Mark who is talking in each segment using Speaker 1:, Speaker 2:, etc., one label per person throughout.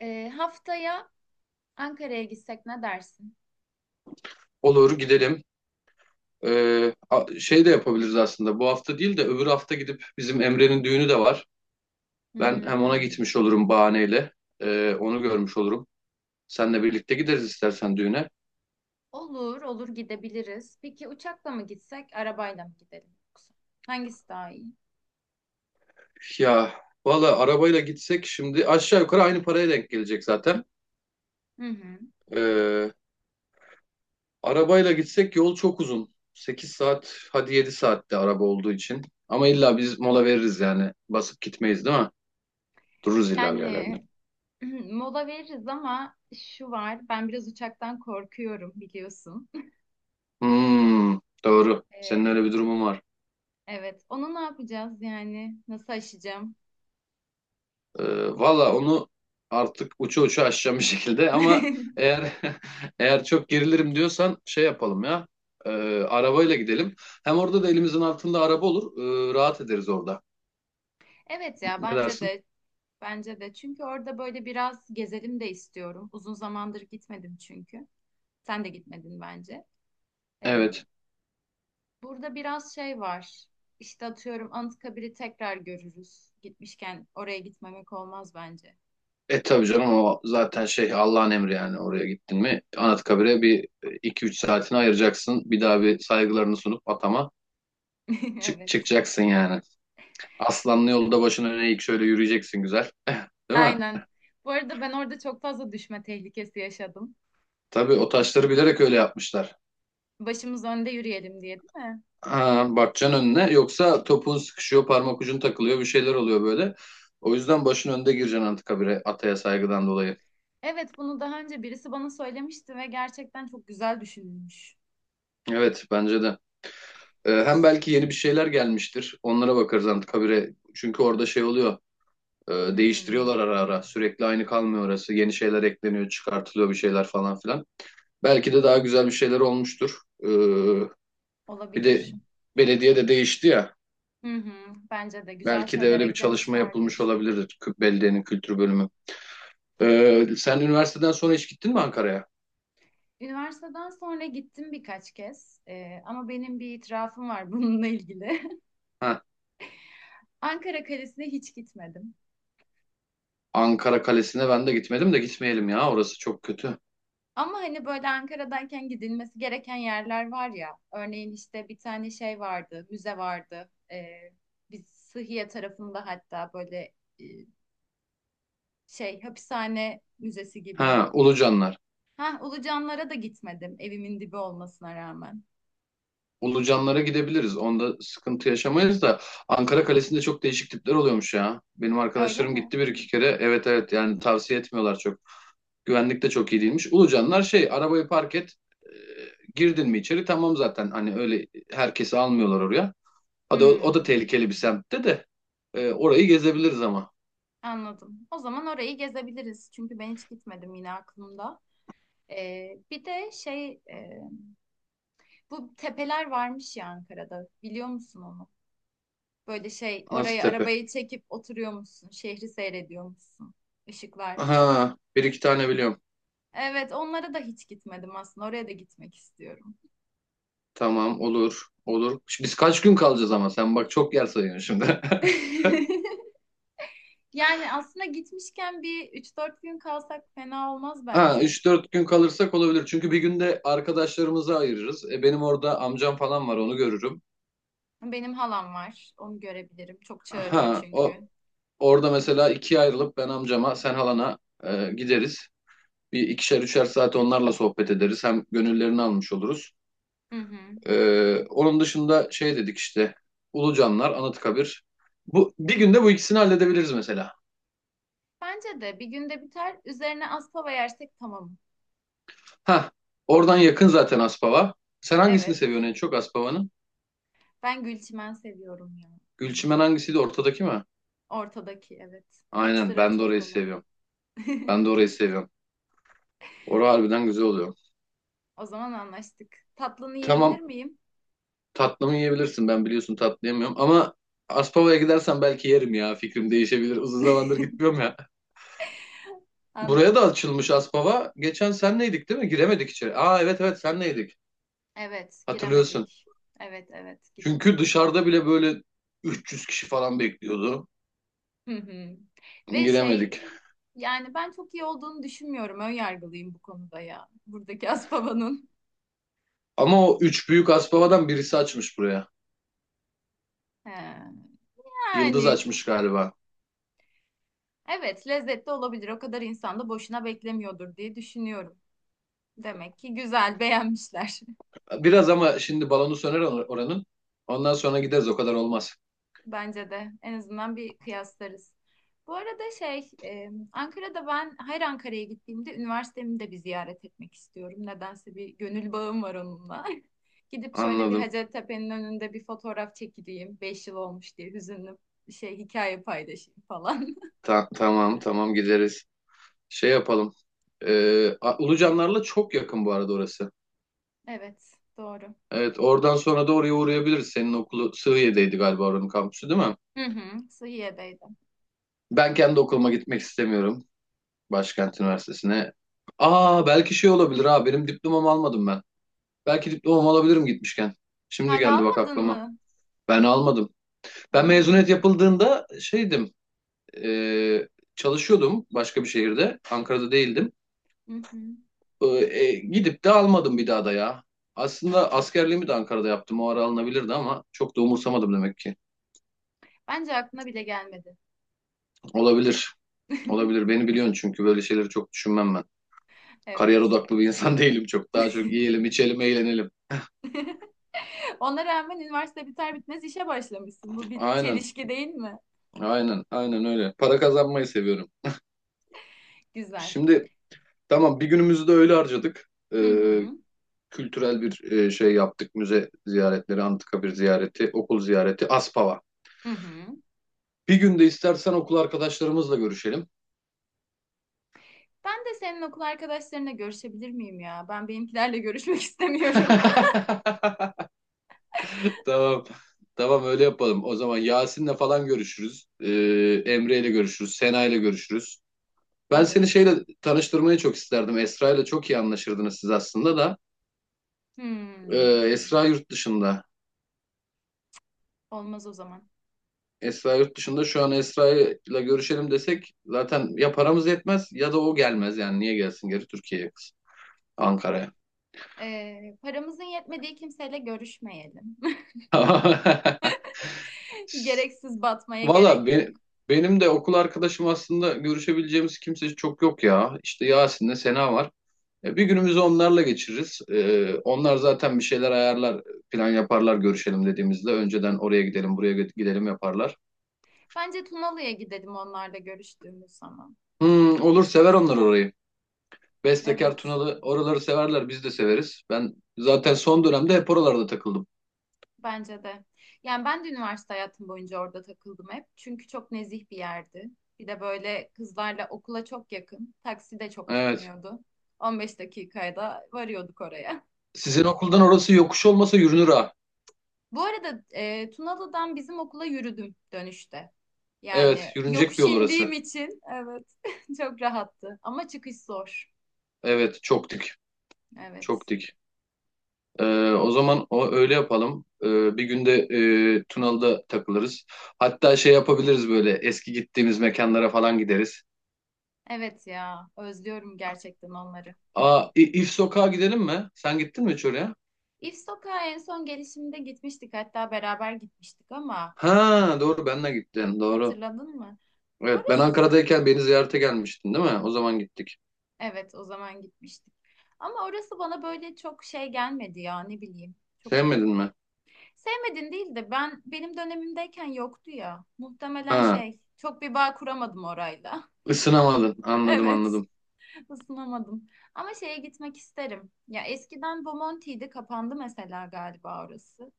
Speaker 1: Haftaya Ankara'ya gitsek ne dersin?
Speaker 2: Olur gidelim. Şey de yapabiliriz aslında. Bu hafta değil de öbür hafta gidip bizim Emre'nin düğünü de var. Ben hem ona
Speaker 1: Hmm.
Speaker 2: gitmiş olurum bahaneyle. Onu görmüş olurum. Seninle birlikte gideriz istersen düğüne.
Speaker 1: Olur, olur gidebiliriz. Peki uçakla mı gitsek, arabayla mı gidelim yoksa? Hangisi daha iyi?
Speaker 2: Ya valla arabayla gitsek şimdi aşağı yukarı aynı paraya denk gelecek zaten.
Speaker 1: Hı hı.
Speaker 2: Ee, Arabayla gitsek yol çok uzun. 8 saat, hadi 7 saatte, araba olduğu için. Ama illa biz mola veririz yani. Basıp gitmeyiz değil mi? Dururuz illa bir
Speaker 1: Yani
Speaker 2: yerlerde.
Speaker 1: mola veririz ama şu var, ben biraz uçaktan korkuyorum biliyorsun.
Speaker 2: Hmm, doğru. Senin
Speaker 1: Ee,
Speaker 2: öyle bir durumun var.
Speaker 1: evet, onu ne yapacağız yani? Nasıl aşacağım?
Speaker 2: Ee, Valla onu artık uça uça aşacağım bir şekilde ama eğer eğer çok gerilirim diyorsan şey yapalım ya. Ee, Arabayla gidelim. Hem orada da elimizin altında araba olur, rahat ederiz orada.
Speaker 1: Evet ya,
Speaker 2: Ne dersin?
Speaker 1: bence de. Çünkü orada böyle biraz gezelim de istiyorum. Uzun zamandır gitmedim çünkü. Sen de gitmedin bence. Ee,
Speaker 2: Evet.
Speaker 1: burada biraz şey var. İşte atıyorum Anıtkabir'i tekrar görürüz. Gitmişken oraya gitmemek olmaz bence.
Speaker 2: Tabii canım, o zaten şey Allah'ın emri. Yani oraya gittin mi Anıtkabir'e, bir iki üç saatini ayıracaksın. Bir daha bir saygılarını sunup atama çık
Speaker 1: Evet.
Speaker 2: çıkacaksın yani. Aslanlı yolda başın öne eğik şöyle yürüyeceksin, güzel. Değil mi?
Speaker 1: Aynen. Bu arada ben orada çok fazla düşme tehlikesi yaşadım.
Speaker 2: Tabii o taşları bilerek öyle yapmışlar.
Speaker 1: Başımız önde yürüyelim diye değil mi?
Speaker 2: Ha, bakacaksın önüne. Yoksa topun sıkışıyor, parmak ucun takılıyor, bir şeyler oluyor böyle. O yüzden başın önde gireceksin artık habire, ataya saygıdan dolayı.
Speaker 1: Evet bunu daha önce birisi bana söylemişti ve gerçekten çok güzel düşünülmüş.
Speaker 2: Evet, bence de. Hem belki yeni bir şeyler gelmiştir. Onlara bakarız antikabire. Çünkü orada şey oluyor,
Speaker 1: Hmm,
Speaker 2: değiştiriyorlar ara ara. Sürekli aynı kalmıyor orası. Yeni şeyler ekleniyor, çıkartılıyor bir şeyler falan filan. Belki de daha güzel bir şeyler olmuştur. Ee, Bir de
Speaker 1: olabilir.
Speaker 2: belediye de değişti ya.
Speaker 1: Hı hı, bence de güzel
Speaker 2: Belki de
Speaker 1: şeyler
Speaker 2: öyle bir çalışma yapılmış
Speaker 1: eklemişlerdir.
Speaker 2: olabilir. Belediyenin kültür bölümü. Sen üniversiteden sonra hiç gittin mi Ankara'ya?
Speaker 1: Üniversiteden sonra gittim birkaç kez ama benim bir itirafım var bununla ilgili.
Speaker 2: Ha,
Speaker 1: Ankara Kalesi'ne hiç gitmedim.
Speaker 2: Ankara Kalesi'ne ben de gitmedim, de gitmeyelim ya. Orası çok kötü.
Speaker 1: Ama hani böyle Ankara'dayken gidilmesi gereken yerler var ya. Örneğin işte bir tane şey vardı, müze vardı. Biz Sıhhiye tarafında hatta böyle e, şey hapishane müzesi gibi.
Speaker 2: Ha, Ulucanlar.
Speaker 1: Ha, Ulucanlara da gitmedim evimin dibi olmasına rağmen.
Speaker 2: Ulucanlara gidebiliriz. Onda sıkıntı yaşamayız da Ankara Kalesi'nde çok değişik tipler oluyormuş ya. Benim
Speaker 1: Öyle
Speaker 2: arkadaşlarım
Speaker 1: mi?
Speaker 2: gitti bir iki kere. Evet, evet, yani tavsiye etmiyorlar çok. Güvenlik de çok iyi değilmiş. Ulucanlar şey, arabayı park et, e, girdin mi içeri tamam zaten. Hani öyle herkesi almıyorlar oraya. O da, o da
Speaker 1: Hmm,
Speaker 2: tehlikeli bir semtte de. Orayı gezebiliriz ama.
Speaker 1: anladım. O zaman orayı gezebiliriz. Çünkü ben hiç gitmedim yine aklımda. Bir de şey bu tepeler varmış ya Ankara'da. Biliyor musun onu? Böyle şey oraya
Speaker 2: Nasıl?
Speaker 1: arabayı çekip oturuyormuşsun. Şehri seyrediyormuşsun. Işıklar.
Speaker 2: Aha, bir iki tane biliyorum.
Speaker 1: Evet onlara da hiç gitmedim aslında. Oraya da gitmek istiyorum.
Speaker 2: Tamam, olur, olur. Şimdi biz kaç gün kalacağız ama, sen bak çok yer sayıyorsun şimdi.
Speaker 1: Yani aslında gitmişken bir üç dört gün kalsak fena olmaz
Speaker 2: Ha,
Speaker 1: bence.
Speaker 2: 3-4 gün kalırsak olabilir. Çünkü bir günde arkadaşlarımızı ayırırız. E, benim orada amcam falan var, onu görürüm.
Speaker 1: Benim halam var. Onu görebilirim. Çok çağırıyor
Speaker 2: Ha,
Speaker 1: çünkü.
Speaker 2: o orada mesela ikiye ayrılıp ben amcama, sen halana gideriz. Bir ikişer üçer saat onlarla sohbet ederiz. Hem gönüllerini almış oluruz.
Speaker 1: Hı hı.
Speaker 2: Onun dışında şey dedik işte, Ulucanlar, Anıtkabir. Bu bir günde bu ikisini halledebiliriz mesela.
Speaker 1: Bence de bir günde biter. Üzerine Aspava yersek tamam.
Speaker 2: Ha, oradan yakın zaten Aspava. Sen hangisini
Speaker 1: Evet.
Speaker 2: seviyorsun en çok Aspava'nın?
Speaker 1: Ben Gülçimen seviyorum ya.
Speaker 2: Gülçimen hangisiydi, ortadaki mi?
Speaker 1: Ortadaki evet. Hep
Speaker 2: Aynen,
Speaker 1: sıra
Speaker 2: ben de
Speaker 1: çok
Speaker 2: orayı
Speaker 1: olan.
Speaker 2: seviyorum. Ben de orayı seviyorum. Orası harbiden güzel oluyor.
Speaker 1: O zaman anlaştık. Tatlını yiyebilir
Speaker 2: Tamam,
Speaker 1: miyim?
Speaker 2: tatlımı yiyebilirsin, ben biliyorsun tatlı yemiyorum, ama Aspava'ya gidersen belki yerim ya, fikrim değişebilir. Uzun zamandır gitmiyorum ya. Buraya da
Speaker 1: Anladım.
Speaker 2: açılmış Aspava. Geçen senleydik değil mi? Giremedik içeri. Aa, evet, evet, senleydik.
Speaker 1: Evet,
Speaker 2: Hatırlıyorsun.
Speaker 1: giremedik. Evet, evet,
Speaker 2: Çünkü
Speaker 1: giremedik.
Speaker 2: dışarıda bile böyle 300 kişi falan bekliyordu.
Speaker 1: Hı hı. Ve şey,
Speaker 2: Giremedik.
Speaker 1: yani ben çok iyi olduğunu düşünmüyorum. Ön yargılıyım bu konuda ya. Buradaki Aspava'nın.
Speaker 2: Ama o üç büyük Aspava'dan birisi açmış buraya.
Speaker 1: He.
Speaker 2: Yıldız
Speaker 1: Yani
Speaker 2: açmış galiba.
Speaker 1: evet, lezzetli olabilir. O kadar insan da boşuna beklemiyordur diye düşünüyorum. Demek ki güzel, beğenmişler.
Speaker 2: Biraz ama şimdi balonu söner oranın. Ondan sonra gideriz, o kadar olmaz.
Speaker 1: Bence de. En azından bir kıyaslarız. Bu arada şey, Ankara'da ben her Ankara'ya gittiğimde üniversitemi de bir ziyaret etmek istiyorum. Nedense bir gönül bağım var onunla. Gidip şöyle bir
Speaker 2: Anladım.
Speaker 1: Hacettepe'nin önünde bir fotoğraf çekileyim. Beş yıl olmuş diye hüzünlü şey hikaye paylaşayım falan.
Speaker 2: Tamam, tamam gideriz. Şey yapalım. Ulucanlarla çok yakın bu arada orası.
Speaker 1: Evet, doğru.
Speaker 2: Evet, oradan sonra da oraya uğrayabiliriz. Senin okulu Sığıye'deydi galiba, oranın kampüsü değil mi?
Speaker 1: Hı hı, Sıhiye'deydim.
Speaker 2: Ben kendi okuluma gitmek istemiyorum. Başkent Üniversitesi'ne. Aa, belki şey olabilir ha, benim diplomamı almadım ben. Belki diplomamı alabilirim gitmişken. Şimdi
Speaker 1: Hala
Speaker 2: geldi bak
Speaker 1: almadın
Speaker 2: aklıma.
Speaker 1: mı?
Speaker 2: Ben almadım.
Speaker 1: Ha.
Speaker 2: Ben mezuniyet yapıldığında şeydim, e, çalışıyordum başka bir şehirde. Ankara'da değildim.
Speaker 1: Hı hı.
Speaker 2: E, Gidip de almadım bir daha da ya. Aslında askerliğimi de Ankara'da yaptım. O ara alınabilirdi ama çok da umursamadım demek ki.
Speaker 1: Bence aklına bile gelmedi.
Speaker 2: Olabilir. Olabilir. Beni biliyorsun, çünkü böyle şeyleri çok düşünmem ben. Kariyer
Speaker 1: Evet.
Speaker 2: odaklı bir insan değilim çok. Daha çok yiyelim, içelim, eğlenelim.
Speaker 1: Ona rağmen üniversite biter bitmez işe başlamışsın. Bu bir
Speaker 2: Aynen.
Speaker 1: çelişki değil mi?
Speaker 2: Aynen. Aynen öyle. Para kazanmayı seviyorum.
Speaker 1: Güzel.
Speaker 2: Şimdi tamam, bir günümüzü de öyle harcadık.
Speaker 1: Hı
Speaker 2: E,
Speaker 1: hı.
Speaker 2: Kültürel bir şey yaptık. Müze ziyaretleri, antikabir ziyareti, okul ziyareti, Aspava.
Speaker 1: Hı hı.
Speaker 2: Bir gün de istersen okul arkadaşlarımızla görüşelim.
Speaker 1: Ben de senin okul arkadaşlarına görüşebilir miyim ya? Ben benimkilerle görüşmek istemiyorum.
Speaker 2: Tamam. Tamam, öyle yapalım. O zaman Yasin'le falan görüşürüz. Emre'yle görüşürüz. Sena'yla görüşürüz. Ben seni
Speaker 1: Olur.
Speaker 2: şeyle tanıştırmayı çok isterdim. Esra'yla çok iyi anlaşırdınız siz aslında da. Ee,
Speaker 1: Hmm.
Speaker 2: Esra yurt dışında.
Speaker 1: Olmaz o zaman.
Speaker 2: Esra yurt dışında şu an, Esra'yla görüşelim desek zaten ya paramız yetmez ya da o gelmez. Yani niye gelsin geri Türkiye'ye kız? Ankara'ya.
Speaker 1: Paramızın yetmediği kimseyle görüşmeyelim. Gereksiz batmaya
Speaker 2: Valla
Speaker 1: gerek yok.
Speaker 2: benim de okul arkadaşım, aslında görüşebileceğimiz kimse çok yok ya. İşte Yasin'le Sena var. Bir günümüzü onlarla geçiririz. Onlar zaten bir şeyler ayarlar, plan yaparlar görüşelim dediğimizde. Önceden oraya gidelim, buraya gidelim yaparlar.
Speaker 1: Bence Tunalı'ya gidelim onlarla görüştüğümüz zaman.
Speaker 2: Hmm, olur, sever onlar orayı. Bestekar,
Speaker 1: Evet.
Speaker 2: Tunalı, oraları severler, biz de severiz. Ben zaten son dönemde hep oralarda takıldım.
Speaker 1: Bence de. Yani ben de üniversite hayatım boyunca orada takıldım hep. Çünkü çok nezih bir yerdi. Bir de böyle kızlarla okula çok yakın. Taksi de çok
Speaker 2: Evet.
Speaker 1: tutmuyordu. 15 dakikaya da varıyorduk oraya.
Speaker 2: Sizin okuldan orası yokuş olmasa yürünür ha.
Speaker 1: Bu arada Tunalı'dan bizim okula yürüdüm dönüşte. Yani
Speaker 2: Evet, yürünecek bir
Speaker 1: yokuş
Speaker 2: yol
Speaker 1: indiğim
Speaker 2: orası.
Speaker 1: için evet çok rahattı. Ama çıkış zor.
Speaker 2: Evet, çok dik. Çok
Speaker 1: Evet.
Speaker 2: dik. Ee, O zaman o öyle yapalım. Bir günde Tunalı'da takılırız. Hatta şey yapabiliriz, böyle eski gittiğimiz mekanlara falan gideriz.
Speaker 1: Evet ya özlüyorum gerçekten onları.
Speaker 2: Aa, İf Sokağa gidelim mi? Sen gittin mi hiç oraya?
Speaker 1: İf Sokağa en son gelişimde gitmiştik. Hatta beraber gitmiştik ama...
Speaker 2: Ha
Speaker 1: e,
Speaker 2: doğru, benle gittin, doğru.
Speaker 1: Hatırladın mı?
Speaker 2: Evet, ben
Speaker 1: Orası
Speaker 2: Ankara'dayken beni ziyarete gelmiştin değil mi? O zaman gittik.
Speaker 1: evet o zaman gitmiştik. Ama orası bana böyle çok şey gelmedi ya ne bileyim. Çok
Speaker 2: Sevmedin mi?
Speaker 1: sevmedin değil de ben benim dönemimdeyken yoktu ya. Muhtemelen
Speaker 2: Ha,
Speaker 1: şey çok bir bağ kuramadım orayla.
Speaker 2: ısınamadın, anladım,
Speaker 1: Evet,
Speaker 2: anladım.
Speaker 1: ısınamadım. Ama şeye gitmek isterim. Ya eskiden Bomonti'ydi kapandı mesela galiba orası.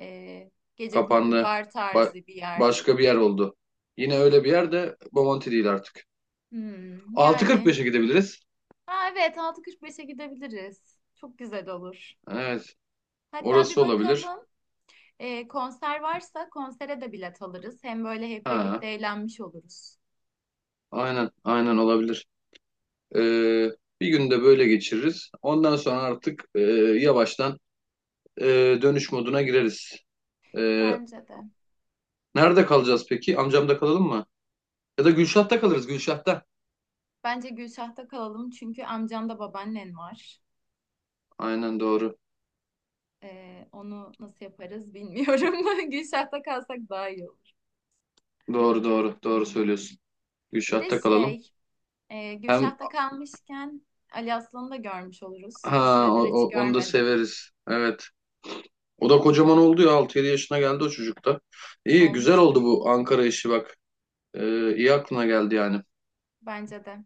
Speaker 1: Ee, gece kulübü
Speaker 2: Kapandı.
Speaker 1: bar
Speaker 2: Ba-
Speaker 1: tarzı bir yerdi.
Speaker 2: Başka bir yer oldu. Yine öyle bir yer de, Bomonti değil artık.
Speaker 1: Hmm,
Speaker 2: Altı kırk
Speaker 1: yani.
Speaker 2: beşe gidebiliriz.
Speaker 1: Ha evet 6.45'e gidebiliriz. Çok güzel olur.
Speaker 2: Evet.
Speaker 1: Hatta bir
Speaker 2: Orası olabilir.
Speaker 1: bakalım konser varsa konsere de bilet alırız. Hem böyle hep
Speaker 2: Ha,
Speaker 1: birlikte eğlenmiş oluruz.
Speaker 2: aynen, aynen olabilir. Ee, Bir günde böyle geçiririz. Ondan sonra artık yavaştan e, dönüş moduna gireriz. Ee,
Speaker 1: Bence de.
Speaker 2: Nerede kalacağız peki? Amcamda kalalım mı? Ya da Gülşah'ta kalırız, Gülşah'ta.
Speaker 1: Bence Gülşah'ta kalalım çünkü amcamda babaannen var.
Speaker 2: Aynen doğru.
Speaker 1: E, onu nasıl yaparız bilmiyorum. Gülşah'ta kalsak daha iyi olur.
Speaker 2: Doğru, doğru, doğru söylüyorsun.
Speaker 1: Bir de
Speaker 2: Gülşah'ta kalalım.
Speaker 1: şey
Speaker 2: Hem
Speaker 1: Gülşah'ta kalmışken Ali Aslan'ı da görmüş oluruz. Bir
Speaker 2: ha,
Speaker 1: süredir hiç
Speaker 2: onu da
Speaker 1: görmedik.
Speaker 2: severiz. Evet. O da kocaman oldu ya. 6-7 yaşına geldi o çocuk da. İyi, güzel oldu
Speaker 1: Olmuştur.
Speaker 2: bu Ankara işi bak. İyi aklına geldi yani.
Speaker 1: Bence de.